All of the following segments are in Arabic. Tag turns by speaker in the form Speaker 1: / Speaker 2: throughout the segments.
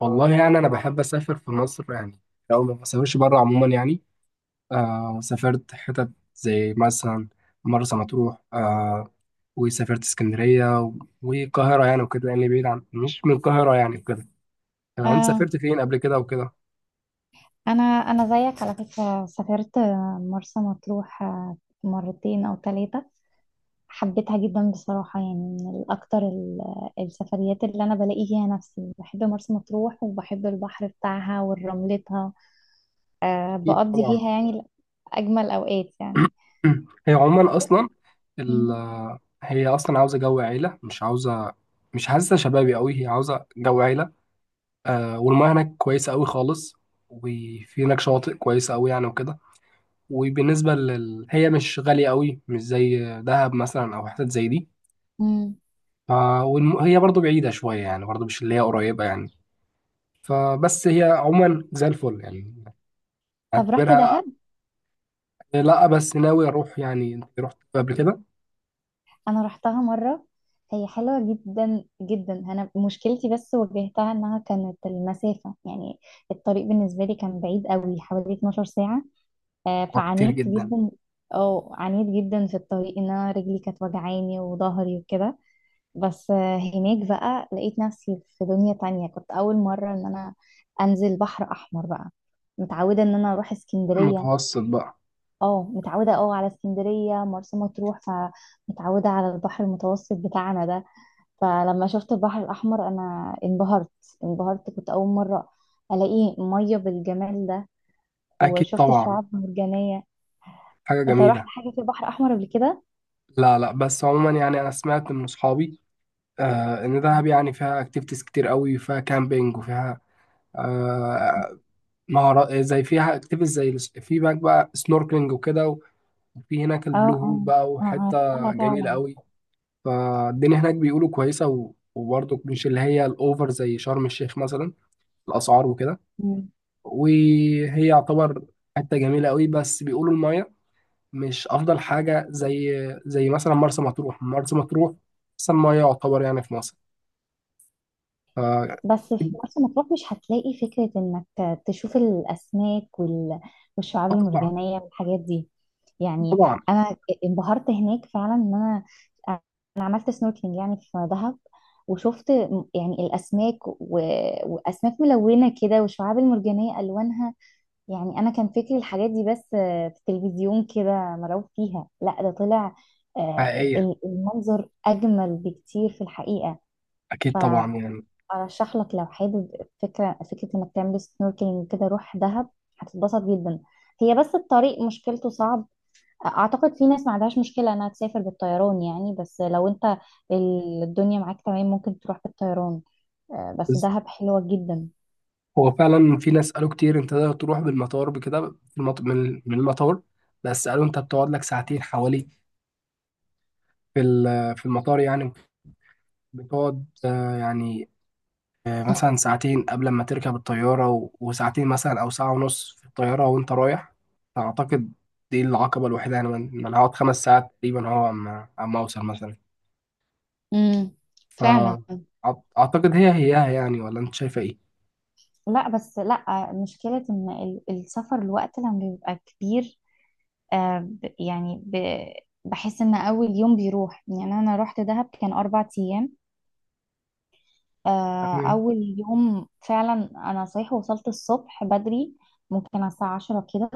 Speaker 1: والله يعني أنا بحب أسافر في مصر يعني. لو ما بسافرش بره عموما يعني. سافرت حتت زي مثلا مرسى مطروح، آه. وسافرت اسكندرية والقاهرة يعني وكده يعني، بعيد عن مش من القاهرة يعني وكده. آه، أنت
Speaker 2: آه.
Speaker 1: سافرت فين قبل كده وكده؟
Speaker 2: انا زيك على فكره سافرت مرسى مطروح آه، مرتين او ثلاثه. حبيتها جدا بصراحه يعني من الاكتر السفريات اللي انا بلاقي فيها نفسي. بحب مرسى مطروح وبحب البحر بتاعها ورملتها. آه
Speaker 1: أكيد
Speaker 2: بقضي
Speaker 1: طبعا.
Speaker 2: فيها يعني اجمل اوقات يعني.
Speaker 1: هي عموما أصلا ال
Speaker 2: مم.
Speaker 1: هي أصلا عاوزة جو عيلة، مش عاوزة. مش حاسة شبابي أوي، هي عاوزة جو عيلة. آه، والمياه هناك كويسة أوي خالص، وفي هناك شواطئ كويسة أوي يعني وكده. هي مش غالية قوي، مش زي دهب مثلا أو حتت زي دي.
Speaker 2: مم.
Speaker 1: ف... هي برضو بعيدة شوية يعني، برضو مش اللي هي قريبة يعني. فبس هي عموما زي الفل يعني،
Speaker 2: طب رحت
Speaker 1: اعتبرها.
Speaker 2: دهب؟
Speaker 1: لا، بس ناوي أروح يعني. أنت رحت قبل كده؟
Speaker 2: انا رحتها مره. هي حلوه جدا جدا، انا مشكلتي بس واجهتها انها كانت المسافه يعني الطريق بالنسبه لي كان بعيد قوي، حوالي 12 ساعه.
Speaker 1: أه، كتير
Speaker 2: فعانيت
Speaker 1: جدا.
Speaker 2: جدا. اه عانيت جدا في الطريق، ان انا رجلي كانت وجعاني وظهري وكده. بس آه، هناك بقى لقيت نفسي في دنيا تانية. كنت اول مره ان انا انزل بحر احمر بقى. متعوده ان انا اروح اسكندريه.
Speaker 1: المتوسط بقى.
Speaker 2: اه متعودة اه على اسكندرية، مرسى مطروح، فمتعودة على البحر المتوسط بتاعنا ده. فلما شفت البحر الأحمر أنا انبهرت. انبهرت، كنت أول مرة ألاقي مية بالجمال ده،
Speaker 1: أكيد
Speaker 2: وشفت
Speaker 1: طبعا،
Speaker 2: الشعاب المرجانية.
Speaker 1: حاجة
Speaker 2: انت رحت
Speaker 1: جميلة.
Speaker 2: حاجة في البحر الأحمر قبل كده؟
Speaker 1: لا لا، بس عموما يعني أنا سمعت من أصحابي إن دهب يعني فيها أكتيفيتيز كتير قوي، فيها كامبينج وفيها، آه، مهارات إيه، زي فيها اكتيفيتيز زي في هناك بقى سنوركلينج وكده. وفي هناك البلو
Speaker 2: اه
Speaker 1: هول
Speaker 2: اه،
Speaker 1: بقى
Speaker 2: اه
Speaker 1: وحته
Speaker 2: عرفتها
Speaker 1: جميله
Speaker 2: فعلا.
Speaker 1: قوي. فالدنيا هناك بيقولوا كويسه وبرضه مش اللي هي الاوفر زي شرم الشيخ مثلا، الاسعار وكده. وهي يعتبر حته جميله قوي، بس بيقولوا المايه مش افضل حاجه زي زي مثلا مرسى مطروح. مرسى مطروح احسن مايه يعتبر يعني في مصر. آه.
Speaker 2: بس في مرسى مطروح مش هتلاقي فكرة انك تشوف الاسماك والشعاب
Speaker 1: طبعا.
Speaker 2: المرجانية والحاجات دي يعني.
Speaker 1: طبعا.
Speaker 2: انا انبهرت هناك فعلا ان انا انا عملت سنوركلينج يعني في دهب، وشفت يعني الاسماك واسماك ملونة كده والشعاب المرجانية الوانها. يعني انا كان فكري الحاجات دي بس في التلفزيون كده مرعوب فيها، لا ده طلع آه،
Speaker 1: حقيقيه.
Speaker 2: المنظر اجمل بكتير في الحقيقة.
Speaker 1: اكيد طبعا يعني.
Speaker 2: ارشح لك لو حابب فكره فكره، انك تعمل سنوركلينج كده روح دهب، هتتبسط جدا. هي بس الطريق مشكلته صعب. اعتقد في ناس ما عندهاش مشكله انها تسافر بالطيران يعني، بس لو انت الدنيا معاك تمام ممكن تروح بالطيران. آه، بس دهب حلوه جدا.
Speaker 1: هو فعلا في ناس قالوا كتير انت تقدر تروح بالمطار بكده، في من المطار. بس قالوا انت بتقعد لك ساعتين حوالي في في المطار يعني. بتقعد، آه، يعني، آه، مثلا ساعتين قبل ما تركب الطيارة وساعتين مثلا او ساعة ونص في الطيارة وانت رايح. فاعتقد دي العقبة الوحيدة يعني، من انا هقعد 5 ساعات تقريبا هو عم اوصل مثلا.
Speaker 2: امم فعلا.
Speaker 1: فاعتقد هي هيها يعني، ولا انت شايفة ايه؟
Speaker 2: لا بس لا، مشكلة ان السفر الوقت لما بيبقى كبير آه، بحس ان اول يوم بيروح. يعني انا رحت دهب كان 4 ايام، آه،
Speaker 1: تمام.
Speaker 2: أول يوم فعلا. أنا صحيح وصلت الصبح بدري، ممكن على الساعة 10 كده،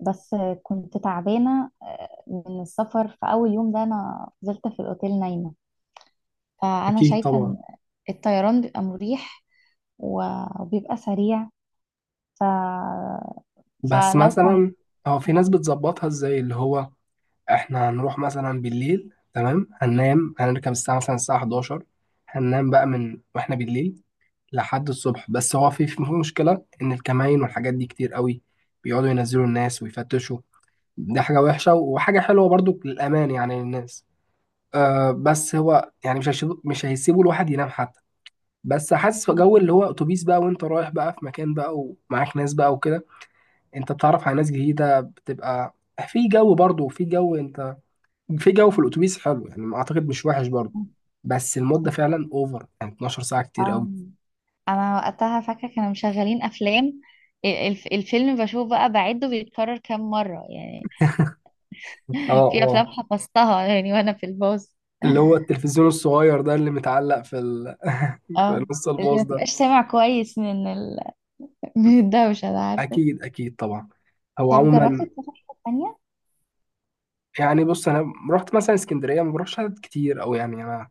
Speaker 2: بس آه، كنت تعبانة آه، من السفر. في أول يوم ده أنا فضلت في الأوتيل نايمة. فأنا
Speaker 1: اكيد
Speaker 2: شايفة
Speaker 1: طبعا.
Speaker 2: إن الطيران بيبقى مريح وبيبقى سريع. ف...
Speaker 1: بس
Speaker 2: فلو كان
Speaker 1: مثلا هو في ناس بتظبطها ازاي، اللي هو احنا هنروح مثلا بالليل تمام، هننام، هنركب الساعة مثلا الساعة 11، هننام بقى من واحنا بالليل لحد الصبح. بس هو في مشكلة ان الكمائن والحاجات دي كتير قوي، بيقعدوا ينزلوا الناس ويفتشوا. دي حاجة وحشة وحاجة حلوة برضو للأمان يعني للناس. آه، بس هو يعني مش هيسيبوا الواحد ينام حتى. بس حاسس في جو اللي هو اتوبيس بقى، وانت رايح بقى في مكان بقى، ومعاك ناس بقى وكده. انت بتتعرف على ناس جديدة، بتبقى في جو برضو، في جو، انت في جو في الاتوبيس حلو يعني، ما اعتقد مش وحش برضه. بس المده فعلا اوفر يعني، 12 ساعه كتير قوي.
Speaker 2: آم، أنا وقتها فاكرة كانوا مشغلين أفلام. الفيلم بشوف بقى بعده بيتكرر كام مرة يعني.
Speaker 1: اه.
Speaker 2: في افلام
Speaker 1: اه.
Speaker 2: حفظتها يعني وانا في الباص.
Speaker 1: اللي هو التلفزيون الصغير ده اللي متعلق في في
Speaker 2: اه
Speaker 1: نص
Speaker 2: اللي
Speaker 1: الباص
Speaker 2: ما
Speaker 1: ده.
Speaker 2: تبقاش سامع كويس من من الدوشة ده عارفه.
Speaker 1: اكيد اكيد طبعا. هو
Speaker 2: طب جربت
Speaker 1: عموما
Speaker 2: تروح حتة تانية؟
Speaker 1: يعني، بص انا رحت مثلا اسكندريه، ما بروحش عدد كتير او يعني، انا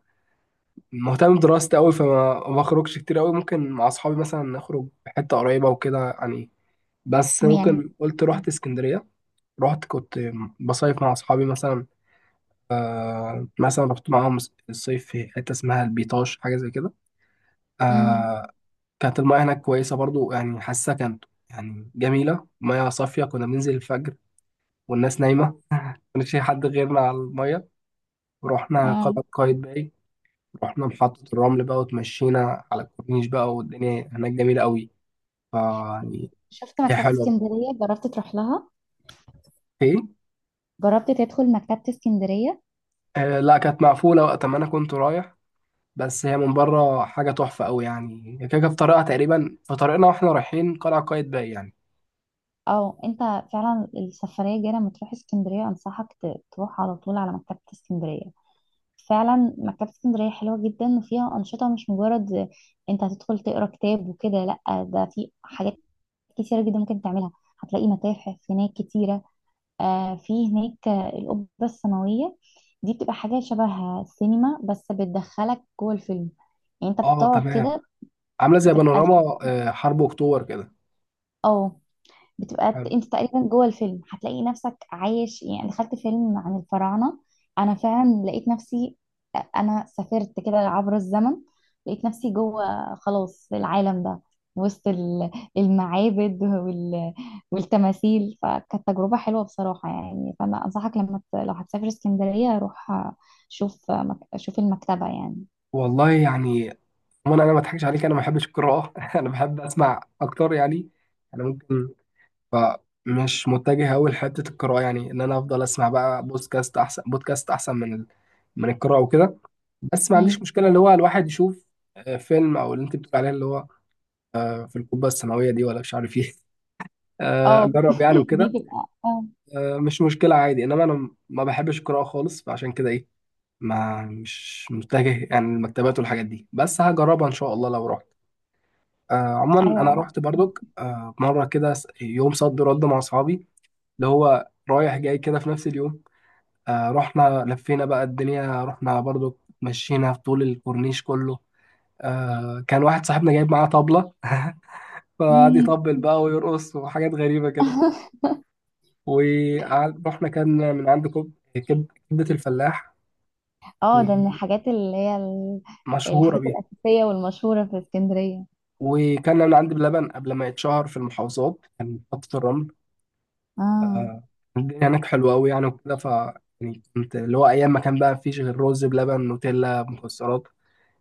Speaker 1: مهتم بدراستي قوي، فما ما بخرجش كتير قوي. ممكن مع اصحابي مثلا نخرج في حته قريبه وكده يعني. بس
Speaker 2: م- يعني
Speaker 1: ممكن، قلت رحت اسكندريه. رحت، كنت بصيف مع اصحابي مثلا، آه، مثلا رحت معاهم الصيف في حتة اسمها البيطاش، حاجة زي كده.
Speaker 2: امم.
Speaker 1: آه. كانت المياه هناك كويسة برضو يعني، حاسة كانت يعني جميلة، مياه صافية. كنا بننزل الفجر والناس نايمة، ما كانش في حد غيرنا على المياه. ورحنا
Speaker 2: اه،
Speaker 1: قلعة قايتباي، رحنا محطة الرمل بقى، وتمشينا على الكورنيش بقى، والدنيا هناك جميلة قوي. فيعني
Speaker 2: شفت
Speaker 1: هي
Speaker 2: مكتبة
Speaker 1: حلوة.
Speaker 2: اسكندرية؟ جربت تروح لها؟
Speaker 1: ايه.
Speaker 2: جربت تدخل مكتبة اسكندرية؟
Speaker 1: آه، لا، كانت مقفولة وقت ما أنا كنت رايح. بس هي من بره حاجه تحفه قوي يعني، هي كده كده في طريقها تقريبا، في طريقنا واحنا رايحين قلعه قايتباي يعني.
Speaker 2: او انت فعلا السفرية الجاية لما تروح اسكندرية انصحك تروح على طول على مكتبة اسكندرية. فعلا مكتبة اسكندرية حلوة جدا، وفيها أنشطة، مش مجرد انت هتدخل تقرا كتاب وكده، لا ده في حاجات كتيرة جدا ممكن تعملها. هتلاقي متاحف هناك كتيرة. آه في هناك آه، القبة السماوية. دي بتبقى حاجة شبه السينما بس بتدخلك جوه الفيلم. يعني انت
Speaker 1: اه
Speaker 2: بتقعد
Speaker 1: تمام.
Speaker 2: كده
Speaker 1: عامله زي
Speaker 2: بتبقى الشاشة،
Speaker 1: بانوراما، آه، حرب اكتوبر كده.
Speaker 2: اه بتبقى
Speaker 1: حلو.
Speaker 2: انت تقريبا جوه الفيلم، هتلاقي نفسك عايش. يعني دخلت فيلم عن الفراعنة انا فعلا لقيت نفسي. انا سافرت كده عبر الزمن، لقيت نفسي جوه خلاص العالم ده، وسط المعابد والتماثيل. فكانت تجربة حلوة بصراحة يعني. فأنا أنصحك لو هتسافر اسكندرية روح شوف المكتبة يعني.
Speaker 1: والله يعني عموما، انا ما اضحكش عليك، انا ما بحبش القراءه انا بحب اسمع اكتر يعني. انا ممكن، فمش متجه قوي لحته القراءه يعني، ان انا افضل اسمع بقى بودكاست احسن، بودكاست احسن من من القراءه وكده. بس ما عنديش
Speaker 2: مم.
Speaker 1: مشكله اللي هو الواحد يشوف، آه، فيلم او اللي انت بتقول عليه اللي هو، آه، في القبه السماويه دي ولا مش عارف ايه. آه،
Speaker 2: اه.
Speaker 1: اجرب يعني
Speaker 2: دي
Speaker 1: وكده.
Speaker 2: تبقى اه.
Speaker 1: آه، مش مشكله عادي، انما انا ما بحبش القراءه خالص، فعشان كده ايه، ما مش متجه يعني المكتبات والحاجات دي. بس هجربها ان شاء الله لو رحت. آه، عموما انا
Speaker 2: ايوه.
Speaker 1: رحت برضك، آه، مره كده يوم صد رد مع اصحابي، اللي هو رايح جاي كده في نفس اليوم. آه، رحنا لفينا بقى الدنيا، رحنا برضك، مشينا في طول الكورنيش كله. آه، كان واحد صاحبنا جايب معاه طبلة فقعد
Speaker 2: مم.
Speaker 1: يطبل بقى ويرقص وحاجات غريبة كده. ورحنا، كان من عند كبدة الفلاح،
Speaker 2: اه، ده من الحاجات اللي هي
Speaker 1: ومشهورة
Speaker 2: الحاجات
Speaker 1: بيه.
Speaker 2: الأساسية والمشهورة في اسكندرية.
Speaker 1: وكان من عند بلبن قبل ما يتشهر في المحافظات، كان محطة الرمل.
Speaker 2: اه
Speaker 1: آه. الدنيا هناك حلوة أوي يعني وكده. ف يعني كنت اللي هو أيام ما كان بقى مفيش غير رز بلبن، نوتيلا، مكسرات.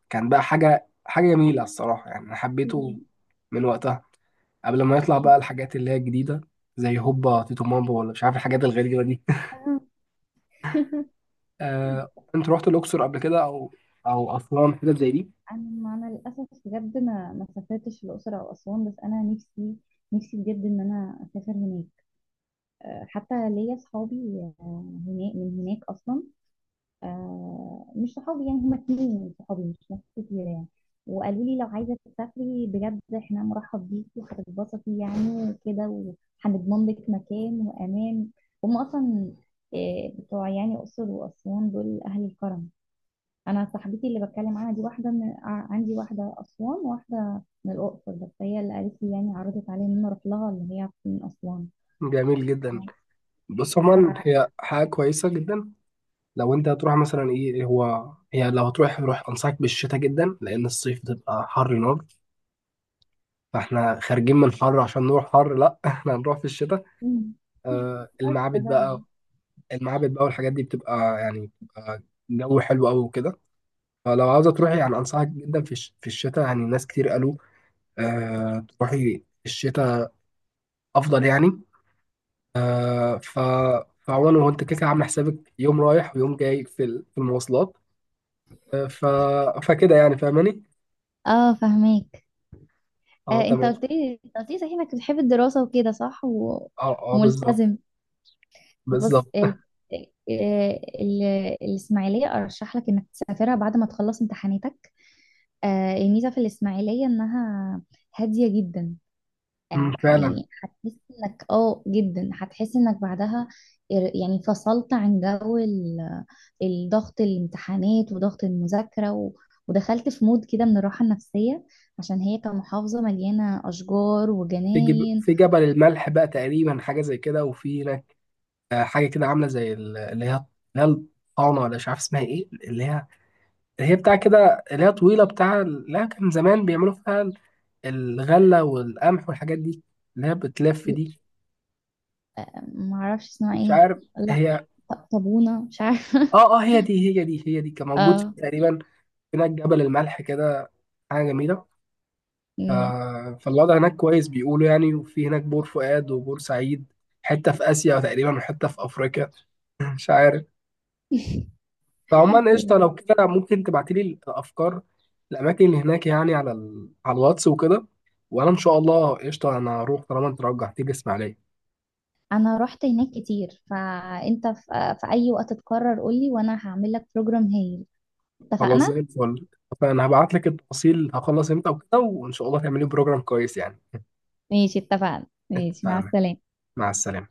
Speaker 1: كان بقى حاجة جميلة الصراحة يعني، أنا حبيته من وقتها قبل ما يطلع بقى الحاجات اللي هي الجديدة زي هوبا تيتو مامبو ولا مش عارف الحاجات الغريبة دي.
Speaker 2: انا
Speaker 1: آه، أنت رحت الأقصر قبل كده أو أسوان حتت زي دي؟
Speaker 2: أنا للاسف بجد ما سافرتش الاقصر او اسوان، بس انا نفسي نفسي بجد ان انا اسافر هناك. آه، حتى ليا اصحابي آه، هناك من هناك اصلا. آه مش صحابي يعني، هما اتنين من صحابي مش ناس كتير يعني. وقالوا لي لو عايزة تسافري بجد احنا مرحب بيكي وهتتبسطي يعني وكده، وهنضمن لك مكان وأمان. هما أصلا آه، بتوع يعني أقصر وأسوان دول أهل الكرم. أنا صاحبتي اللي بتكلم عنها دي واحدة عندي واحدة أسوان وواحدة من الأقصر، بس هي اللي قالت لي يعني عرضت عليا إن أنا أروح لها اللي هي من أسوان.
Speaker 1: جميل جدا. بص عموما
Speaker 2: ف
Speaker 1: هي حاجة كويسة جدا. لو انت هتروح مثلا ايه، إيه هو، هي لو هتروح روح، انصحك بالشتاء جدا، لان الصيف بتبقى حر نار. فاحنا خارجين من حر عشان نروح حر؟ لا احنا هنروح في الشتاء.
Speaker 2: مم.
Speaker 1: آه،
Speaker 2: قشطة
Speaker 1: المعابد بقى،
Speaker 2: فعلا.
Speaker 1: المعابد بقى والحاجات دي بتبقى يعني، بتبقى جو حلو قوي وكده. فلو عاوزة تروحي يعني انصحك جدا في في الشتاء يعني. ناس كتير قالوا آه تروحي في الشتاء افضل يعني. آه، ف فعموما هو انت كده كده عامل حسابك يوم رايح ويوم جاي في في المواصلات. آه، ف فكده يعني فاهماني.
Speaker 2: اه فهماك.
Speaker 1: اه
Speaker 2: آه،
Speaker 1: تمام.
Speaker 2: انت قلت لي صحيح انك بتحب الدراسة وكده صح
Speaker 1: اه اه بالظبط.
Speaker 2: وملتزم. بص
Speaker 1: بالظبط.
Speaker 2: ال... آه، ال... الإسماعيلية أرشح لك إنك تسافرها بعد ما تخلص امتحاناتك. آه، الميزة في الإسماعيلية إنها هادية جدا آه،
Speaker 1: أمم، فعلا.
Speaker 2: يعني هتحس إنك آه جدا، هتحس إنك بعدها يعني فصلت عن جو الضغط، الامتحانات وضغط المذاكرة ودخلت في مود كده من الراحة النفسية، عشان هي كمحافظة مليانة أشجار
Speaker 1: في
Speaker 2: وجناين.
Speaker 1: في جبل الملح بقى تقريبا، حاجه زي كده. وفي هناك، آه، حاجه كده عامله زي اللي هي الطعنه ولا مش عارف اسمها ايه، اللي هي بتاع كده، اللي هي طويله بتاع. لا، كان زمان بيعملوا فيها الغله والقمح والحاجات دي، اللي هي بتلف دي.
Speaker 2: ما اعرفش اسمها
Speaker 1: مش
Speaker 2: ايه.
Speaker 1: عارف.
Speaker 2: لا،
Speaker 1: هي.
Speaker 2: طابونة، مش عارفة.
Speaker 1: اه اه، هي دي هي دي هي دي كان موجود في
Speaker 2: اه.
Speaker 1: تقريبا هناك جبل الملح كده. حاجه جميله.
Speaker 2: مم.
Speaker 1: آه، فالوضع هناك كويس بيقولوا يعني. وفي هناك بور فؤاد وبور سعيد، حته في اسيا تقريبا وحته في افريقيا مش عارف. فعموما قشطه،
Speaker 2: لا.
Speaker 1: لو كده ممكن تبعتيلي الافكار، الاماكن اللي هناك، يعني على على الواتس وكده. وانا ان شاء الله قشطه، انا هروح طالما انت رجعتي لي اسماعيليه.
Speaker 2: انا رحت هناك كتير، فانت في, في اي وقت تقرر قولي وانا هعمل لك بروجرام هايل.
Speaker 1: خلاص،
Speaker 2: اتفقنا
Speaker 1: زي الفل. فانا هبعت لك التفاصيل، هخلص امتى وكده، وان شاء الله تعملي بروجرام كويس يعني.
Speaker 2: ماشي. اتفقنا ماشي مع
Speaker 1: اتفقنا.
Speaker 2: السلامة.
Speaker 1: مع السلامه.